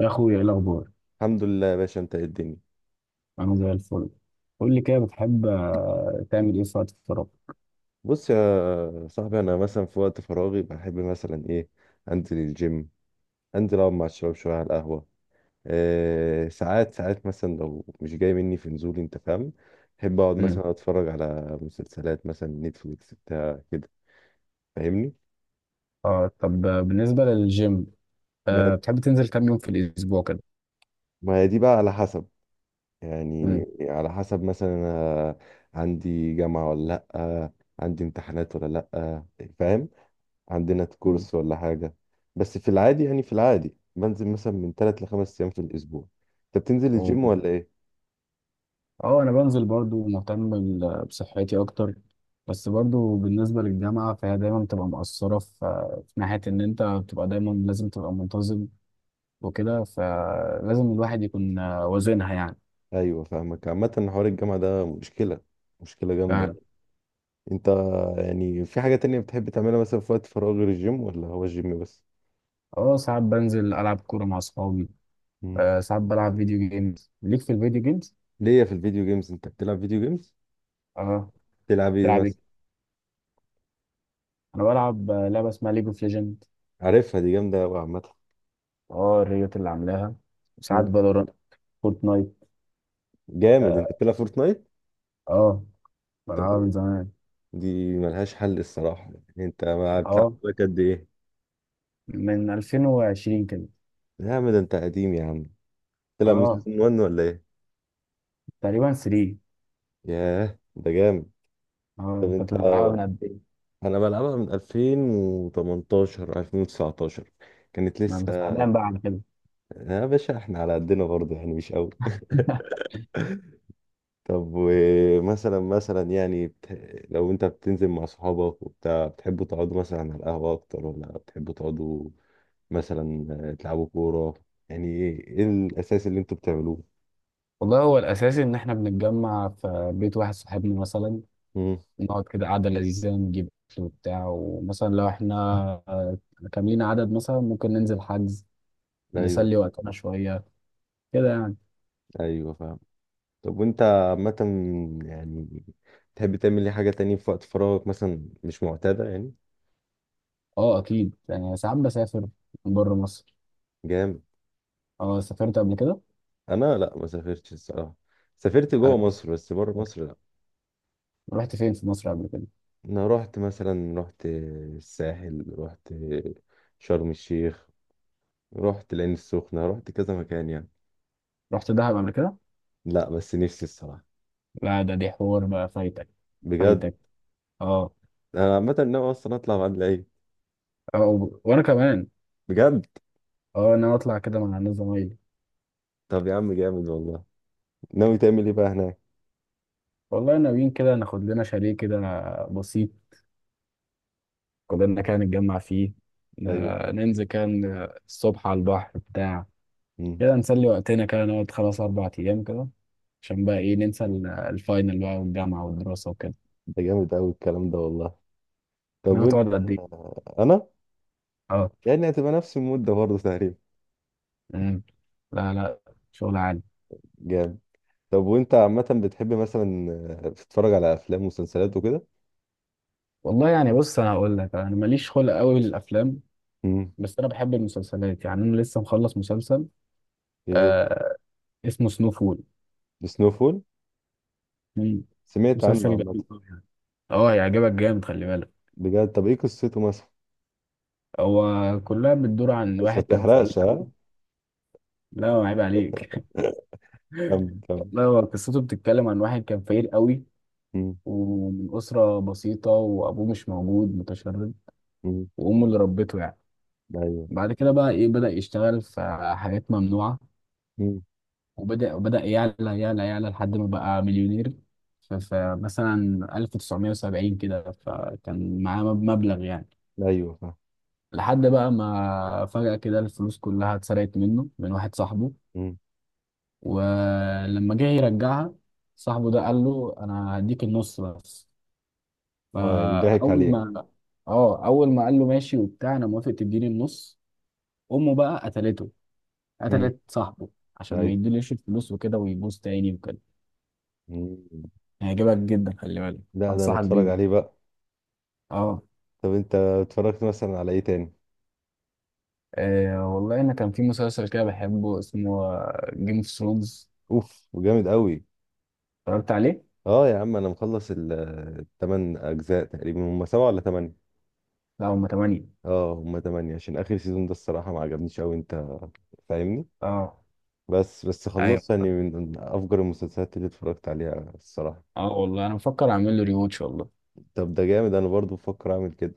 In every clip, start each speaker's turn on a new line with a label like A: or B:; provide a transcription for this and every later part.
A: يا اخويا، ايه الاخبار؟
B: الحمد لله يا باشا، انت ايه الدنيا؟
A: انا زي الفل. قول لي كده، بتحب تعمل ايه في وقت الفراغ؟
B: بص يا صاحبي، انا مثلا في وقت فراغي بحب مثلا ايه، انزل الجيم، انزل اقعد مع الشباب شويه على القهوه. إيه، ساعات ساعات مثلا لو مش جاي مني في نزول، انت فاهم؟ بحب اقعد
A: امم.
B: مثلا اتفرج على مسلسلات مثلا نتفليكس بتاع كده. فاهمني؟
A: اه، طب بالنسبه للجيم،
B: ما
A: آه بتحب تنزل كام يوم في الاسبوع كده؟
B: ما هي دي بقى على حسب، يعني
A: امم.
B: على حسب مثلا انا عندي جامعه ولا لا، عندي امتحانات ولا لا، فاهم؟ عندنا
A: أمم.
B: كورس ولا حاجة. بس في العادي، يعني في العادي بنزل مثلا من ثلاث لخمس أيام في الأسبوع. أنت بتنزل
A: أو-
B: الجيم ولا إيه؟
A: اه انا بنزل، برضو مهتم بصحتي اكتر. بس برضو بالنسبه للجامعه فهي دايما بتبقى مقصره في ناحيه ان انت بتبقى دايما لازم تبقى منتظم وكده، فلازم الواحد يكون وازنها يعني.
B: أيوه فاهمك. عامة حوار الجامعة ده مشكلة، مشكلة جامدة
A: فعلا.
B: يعني. أنت يعني في حاجة تانية بتحب تعملها مثلا في وقت فراغ غير الجيم، ولا هو الجيم بس؟
A: اه ساعات بنزل العب كوره مع اصحابي.
B: مم.
A: آه ساعات بلعب فيديو جيمز. ليك في الفيديو جيمز.
B: ليا في الفيديو جيمز؟ أنت بتلعب فيديو جيمز؟
A: اه.
B: بتلعب إيه
A: بتلعب ايه؟
B: مثلا؟
A: انا بلعب لعبه اسمها ليج اوف ليجند.
B: عارفها، دي جامدة أوي عامة.
A: اه، الريوت اللي عاملاها. وساعات
B: مم.
A: فالورانت. فورتنايت.
B: جامد،
A: اه.
B: أنت بتلعب فورتنايت؟
A: آه،
B: طب
A: بلعبها من
B: إيه؟
A: زمان.
B: دي ملهاش حل الصراحة. يعني أنت بتلعب
A: اه،
B: لك قد إيه؟
A: من 2020 كده.
B: يا عم ده أنت قديم يا عم. تلعب من
A: اه،
B: سيزون 1 ولا ايه؟
A: تقريبا 3.
B: ياه، ده جامد.
A: اه،
B: طب انت،
A: انت بتلعبها من قد ايه؟
B: انا بلعبها من 2018 2019، كانت
A: ما انت
B: لسه.
A: فاهمان بقى على كده.
B: يا باشا، احنا على قدنا برضه يعني، مش قوي. طب ومثلا، مثلا يعني لو انت بتنزل مع صحابك وبتاع، بتحبوا تقعدوا مثلا على القهوة اكتر، ولا بتحبوا تقعدوا مثلا تلعبوا كورة؟ يعني ايه الاساس اللي انتوا بتعملوه؟
A: والله هو الاساسي ان احنا بنتجمع في بيت واحد صاحبنا مثلا.
B: مم.
A: نقعد كده قعده لذيذه، نجيب اكل وبتاع، ومثلا لو احنا آه، كاملين عدد مثلا ممكن ننزل حجز
B: ايوه.
A: نسلي وقتنا شوية، كده يعني.
B: ايوه فاهم. طب وانت عامة يعني، تحب تعمل ايه، حاجة تانية في وقت فراغك مثلا مش معتادة يعني؟
A: اه، اكيد يعني ساعات بسافر بره مصر.
B: جامد.
A: اه، سافرت قبل كده.
B: انا لا، ما سافرتش الصراحة. سافرت جوه
A: آه،
B: مصر، بس بره مصر لا.
A: رحت فين في مصر قبل كده؟
B: انا رحت مثلا، رحت الساحل، رحت شرم الشيخ، رحت العين السخنة، رحت كذا مكان يعني.
A: رحت دهب قبل كده.
B: لا بس نفسي الصراحة.
A: لا، ده دي حوار بقى فايتك.
B: بجد.
A: فايتك. اه.
B: انا عامة ناوي اصلا اطلع بعد العيد.
A: اه وانا كمان.
B: بجد.
A: اه، انا اطلع كده مع الناس زمايلي.
B: طب يا عم جامد والله، ناوي تعمل ايه بقى هناك؟
A: والله ناويين كده ناخد لنا شاليه كده بسيط، كلنا كده نتجمع فيه.
B: ايوه.
A: ننزل كان الصبح على البحر بتاع
B: مم.
A: كده نسلي وقتنا، كده نقعد خلاص 4 أيام كده، عشان بقى إيه ننسى الفاينل بقى والجامعة والدراسة وكده.
B: ده جامد قوي الكلام ده والله. طب
A: أنا
B: وانت،
A: بتقعد قد إيه؟
B: انا
A: أه.
B: يعني هتبقى نفس المده برضه تقريبا.
A: مم. لا لا، شغل عالي.
B: جامد. طب وانت عامه بتحب مثلا، تتفرج على افلام ومسلسلات وكده؟
A: والله يعني بص، أنا هقول لك أنا ماليش خلق قوي للأفلام.
B: امم.
A: بس أنا بحب المسلسلات، يعني أنا لسه مخلص مسلسل
B: ايه هو؟
A: آه اسمه سنو فول.
B: سنو فول.
A: مم.
B: سمعت عنه
A: مسلسل
B: عامه.
A: جميل أوي يعني. أه، يعجبك جامد خلي بالك.
B: بجد، طب ايه قصته مثلا؟
A: هو كلها بتدور عن
B: بس ما
A: واحد كان فقير.
B: تحرقش ها.
A: لا، عيب عليك.
B: كم كم.
A: والله هو قصته بتتكلم عن واحد كان فقير قوي،
B: امم.
A: ومن أسرة بسيطة، وأبوه مش موجود متشرد،
B: امم.
A: وأمه اللي ربته يعني.
B: ايوه.
A: بعد كده بقى إيه بدأ يشتغل في حاجات ممنوعة،
B: امم.
A: وبدأ يعلى يعلى يعلى لحد ما بقى مليونير. فمثلا 1970 كده فكان معاه مبلغ يعني.
B: ايوه فاهم.
A: لحد بقى ما فجأة كده الفلوس كلها اتسرقت منه من واحد صاحبه.
B: امم.
A: ولما جه يرجعها صاحبه، ده قال له أنا هديك النص بس.
B: اه يعني ضحك
A: فاول
B: عليك.
A: ما اه، اول ما قال له ماشي وبتاع انا موافق تديني النص، امه بقى قتلته.
B: امم.
A: قتلت صاحبه عشان ما
B: ايوه.
A: يديليش الفلوس وكده ويبوظ تاني وكده.
B: امم.
A: هيعجبك جدا، خلي بالك.
B: لا ده انا
A: انصحك
B: اتفرج
A: بيه.
B: عليه بقى.
A: اه.
B: طب انت اتفرجت مثلا على ايه تاني؟
A: والله انا كان في مسلسل كده بحبه اسمه جيم اوف ثرونز.
B: اوف، وجامد قوي.
A: اتفرجت عليه.
B: اه يا عم، انا مخلص الثمان اجزاء. تقريبا هم سبعة ولا ثمانية؟
A: لا، هما 8.
B: اه هم ثمانية. عشان اخر سيزون ده الصراحة ما عجبنيش قوي، انت فاهمني؟
A: اه.
B: بس
A: ايوه.
B: خلصت يعني، من افجر المسلسلات اللي اتفرجت عليها الصراحة.
A: اه، والله انا بفكر اعمل له ريواتش والله.
B: طب ده جامد، انا برضو بفكر اعمل كده.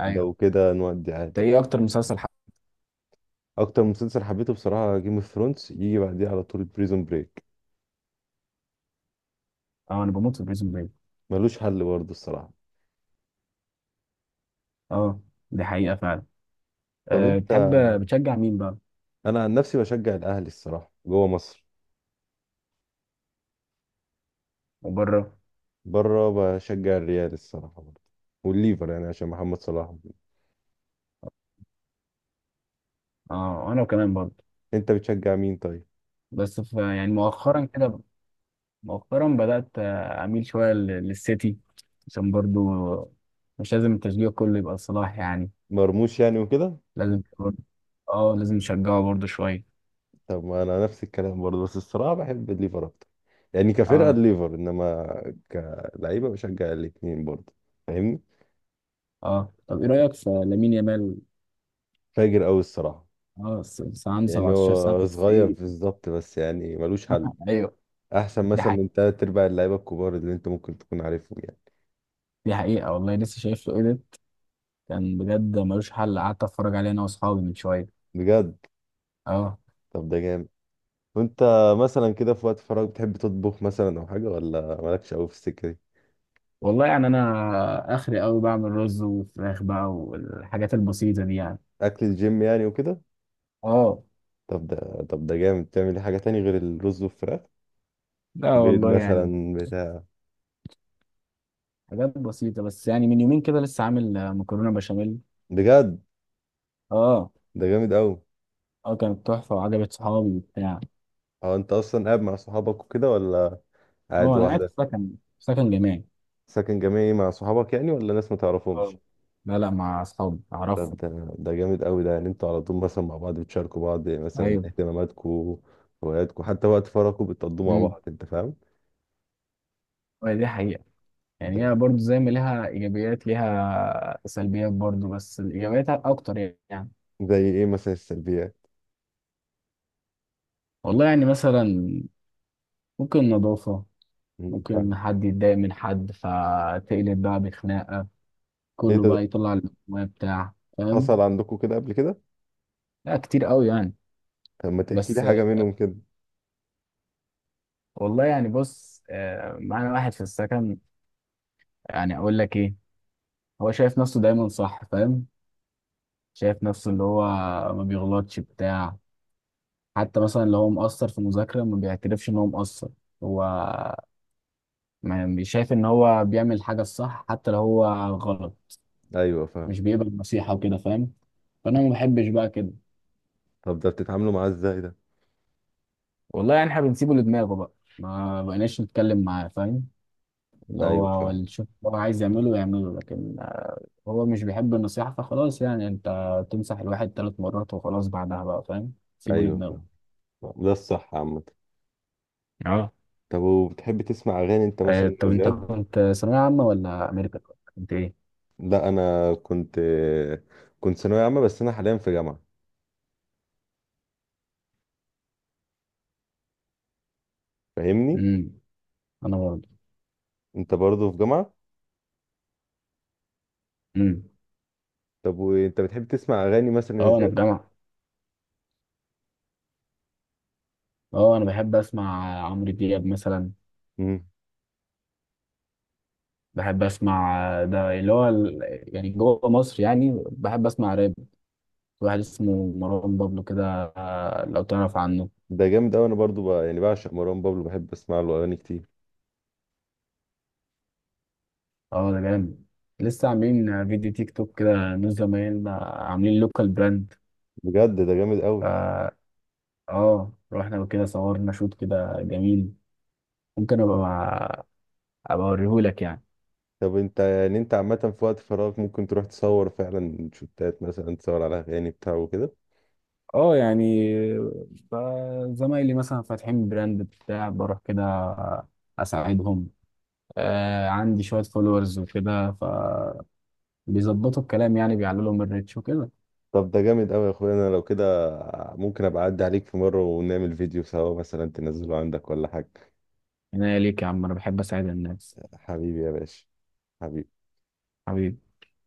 A: ايوه.
B: لو كده نودي
A: انت
B: عادي.
A: ايه اكتر مسلسل
B: اكتر مسلسل حبيته بصراحة جيم اوف ثرونز، يجي بعديه على طول بريزون بريك.
A: اه، انا بموت في بريزون بريك.
B: ملوش حل برضو الصراحة.
A: اه، دي حقيقة فعلا.
B: طب
A: أه
B: انت،
A: بتحب، بتشجع مين بقى؟
B: انا عن نفسي بشجع الاهلي الصراحة جوه مصر.
A: وبره؟
B: بره، بشجع الريال الصراحة برضه، والليفر يعني عشان محمد صلاح وكده.
A: اه، انا كمان برضه.
B: انت بتشجع مين طيب؟
A: بس في يعني مؤخرا بدأت اميل شوية للسيتي. عشان برضه مش لازم التشجيع كله يبقى صلاح يعني.
B: مرموش يعني وكده.
A: لازم برضه- اه لازم نشجعه برضه شوية.
B: طب ما انا نفس الكلام برضه، بس الصراحة بحب الليفر اكتر، يعني كفرقة
A: اه.
B: الليفر. انما كلعيبة بشجع الاتنين برضه، فاهمني؟
A: اه، طب ايه رأيك في لامين يامال؟
B: فاجر قوي الصراحة.
A: اه، عنده
B: يعني
A: 17 سنة
B: هو
A: بس
B: صغير
A: ايه.
B: بالظبط، بس يعني ملوش حل.
A: ايوه،
B: احسن
A: دي
B: مثلا
A: حقيقة.
B: من تلات ارباع اللعيبة الكبار اللي انت ممكن تكون عارفهم يعني.
A: دي حقيقة والله، لسه شايف له ايه ده. كان بجد ملوش حل، قعدت اتفرج عليه انا واصحابي من شوية.
B: بجد.
A: اه.
B: طب ده جامد. وانت مثلا كده في وقت فراغ بتحب تطبخ مثلا او حاجة، ولا مالكش قوي في السكة دي؟
A: والله يعني انا اخري قوي بعمل رز وفراخ بقى، والحاجات البسيطه دي يعني.
B: اكل الجيم يعني وكده.
A: اه.
B: طب ده، جامد تعمل إيه حاجه تاني غير الرز والفراخ؟
A: لا
B: بيض
A: والله يعني
B: مثلا بتاع.
A: حاجات بسيطه بس، يعني من يومين كده لسه عامل مكرونه بشاميل.
B: بجد،
A: اه.
B: ده جامد قوي.
A: اه، كانت تحفه وعجبت صحابي وبتاع.
B: هو انت اصلا قاعد مع صحابك وكده، ولا قاعد
A: اه، انا قاعد في
B: لوحدك؟
A: سكن، في سكن جامعي.
B: ساكن جامعي مع صحابك يعني، ولا ناس ما
A: اه.
B: تعرفهمش؟
A: لا لا، مع اصحابي،
B: طب
A: اعرفهم.
B: ده، جامد قوي ده. يعني انتوا على طول مثلا مع بعض، بتشاركوا بعض مثلا
A: ايوه.
B: اهتماماتكم، هواياتكم، حتى وقت فراغكم بتقضوه مع
A: امم.
B: بعض، انت فاهم؟
A: دي حقيقه،
B: ده
A: يعني هي برضو زي ما ليها ايجابيات ليها سلبيات برضو، بس الايجابيات اكتر يعني.
B: زي ايه مثلا السلبيات؟
A: والله يعني مثلا ممكن نظافه،
B: مم،
A: ممكن
B: فاهم.
A: حد يتضايق من حد فتقلب بقى بخناقة،
B: ايه
A: كله
B: ده؟
A: بقى يطلع المويه بتاع، فاهم.
B: حصل عندكم كده قبل كده؟
A: لا، كتير قوي يعني.
B: طب ما تحكي لي
A: بس
B: حاجه منهم كده.
A: والله يعني بص معانا واحد في السكن. يعني اقول لك ايه، هو شايف نفسه دايما صح، فاهم. شايف نفسه اللي هو ما بيغلطش بتاع. حتى مثلا لو هو مقصر في مذاكرة ما بيعترفش ان هو مقصر. هو ما بي- شايف ان هو بيعمل حاجة الصح حتى لو هو غلط.
B: ايوه فاهم.
A: مش بيقبل النصيحة وكده، فاهم. فانا ما بحبش بقى كده.
B: طب ده بتتعاملوا معاه ازاي ده؟
A: والله يعني احنا بنسيبه لدماغه بقى، ما بقيناش نتكلم معاه، فاهم. اللي هو
B: ايوه
A: هو
B: فاهم.
A: اللي شوف هو عايز يعمله يعمله، لكن هو مش بيحب النصيحة، فخلاص يعني. انت تمسح الواحد 3 مرات وخلاص، بعدها بقى فاهم سيبه
B: ايوه
A: لدماغه.
B: فاهم. ده الصح عامة.
A: اه.
B: طب وبتحب تسمع اغاني انت مثلا
A: طب
B: يا
A: انت
B: زياد؟
A: كنت ثانوية عامة ولا امريكا؟ كنت ايه؟
B: لا انا كنت ثانوية عامة، بس انا حاليا في جامعة، فاهمني؟
A: امم. انا برضه.
B: انت برضه في جامعة.
A: امم.
B: طب وانت بتحب تسمع اغاني مثلا يا
A: اه، انا
B: زياد؟
A: في جامعة. اه، انا بحب اسمع عمرو دياب مثلا.
B: امم.
A: بحب اسمع، ده اللي هو يعني جوه مصر يعني بحب اسمع راب، واحد اسمه مروان بابلو كده لو تعرف عنه.
B: ده جامد قوي. انا برضه بقى يعني بعشق مروان بابلو، بحب اسمع له اغاني كتير.
A: اه، ده جامد. لسه عاملين فيديو تيك توك كده، نور زمايلنا عاملين لوكال براند.
B: بجد ده جامد قوي.
A: فا اه، رحنا كده صورنا شوت كده جميل. ممكن ابقى اوريهولك يعني.
B: طب انت يعني، انت عامة في وقت فراغك ممكن تروح تصور فعلا شوتات مثلا، تصور على اغاني بتاع وكده؟
A: اه يعني ف- زمايلي مثلا فاتحين براند بتاع، بروح كده اساعدهم. آه عندي شوية فولورز وكده، فبيظبطوا الكلام يعني، بيعلوا لهم الريتش وكده.
B: طب ده جامد قوي يا اخويا. انا لو كده ممكن ابقى اعدي عليك في مره ونعمل فيديو سوا مثلا، تنزله عندك ولا حاجه.
A: هنا ليك يا عم، انا بحب اساعد الناس.
B: حبيبي يا باشا. حبيبي.
A: حبيبي.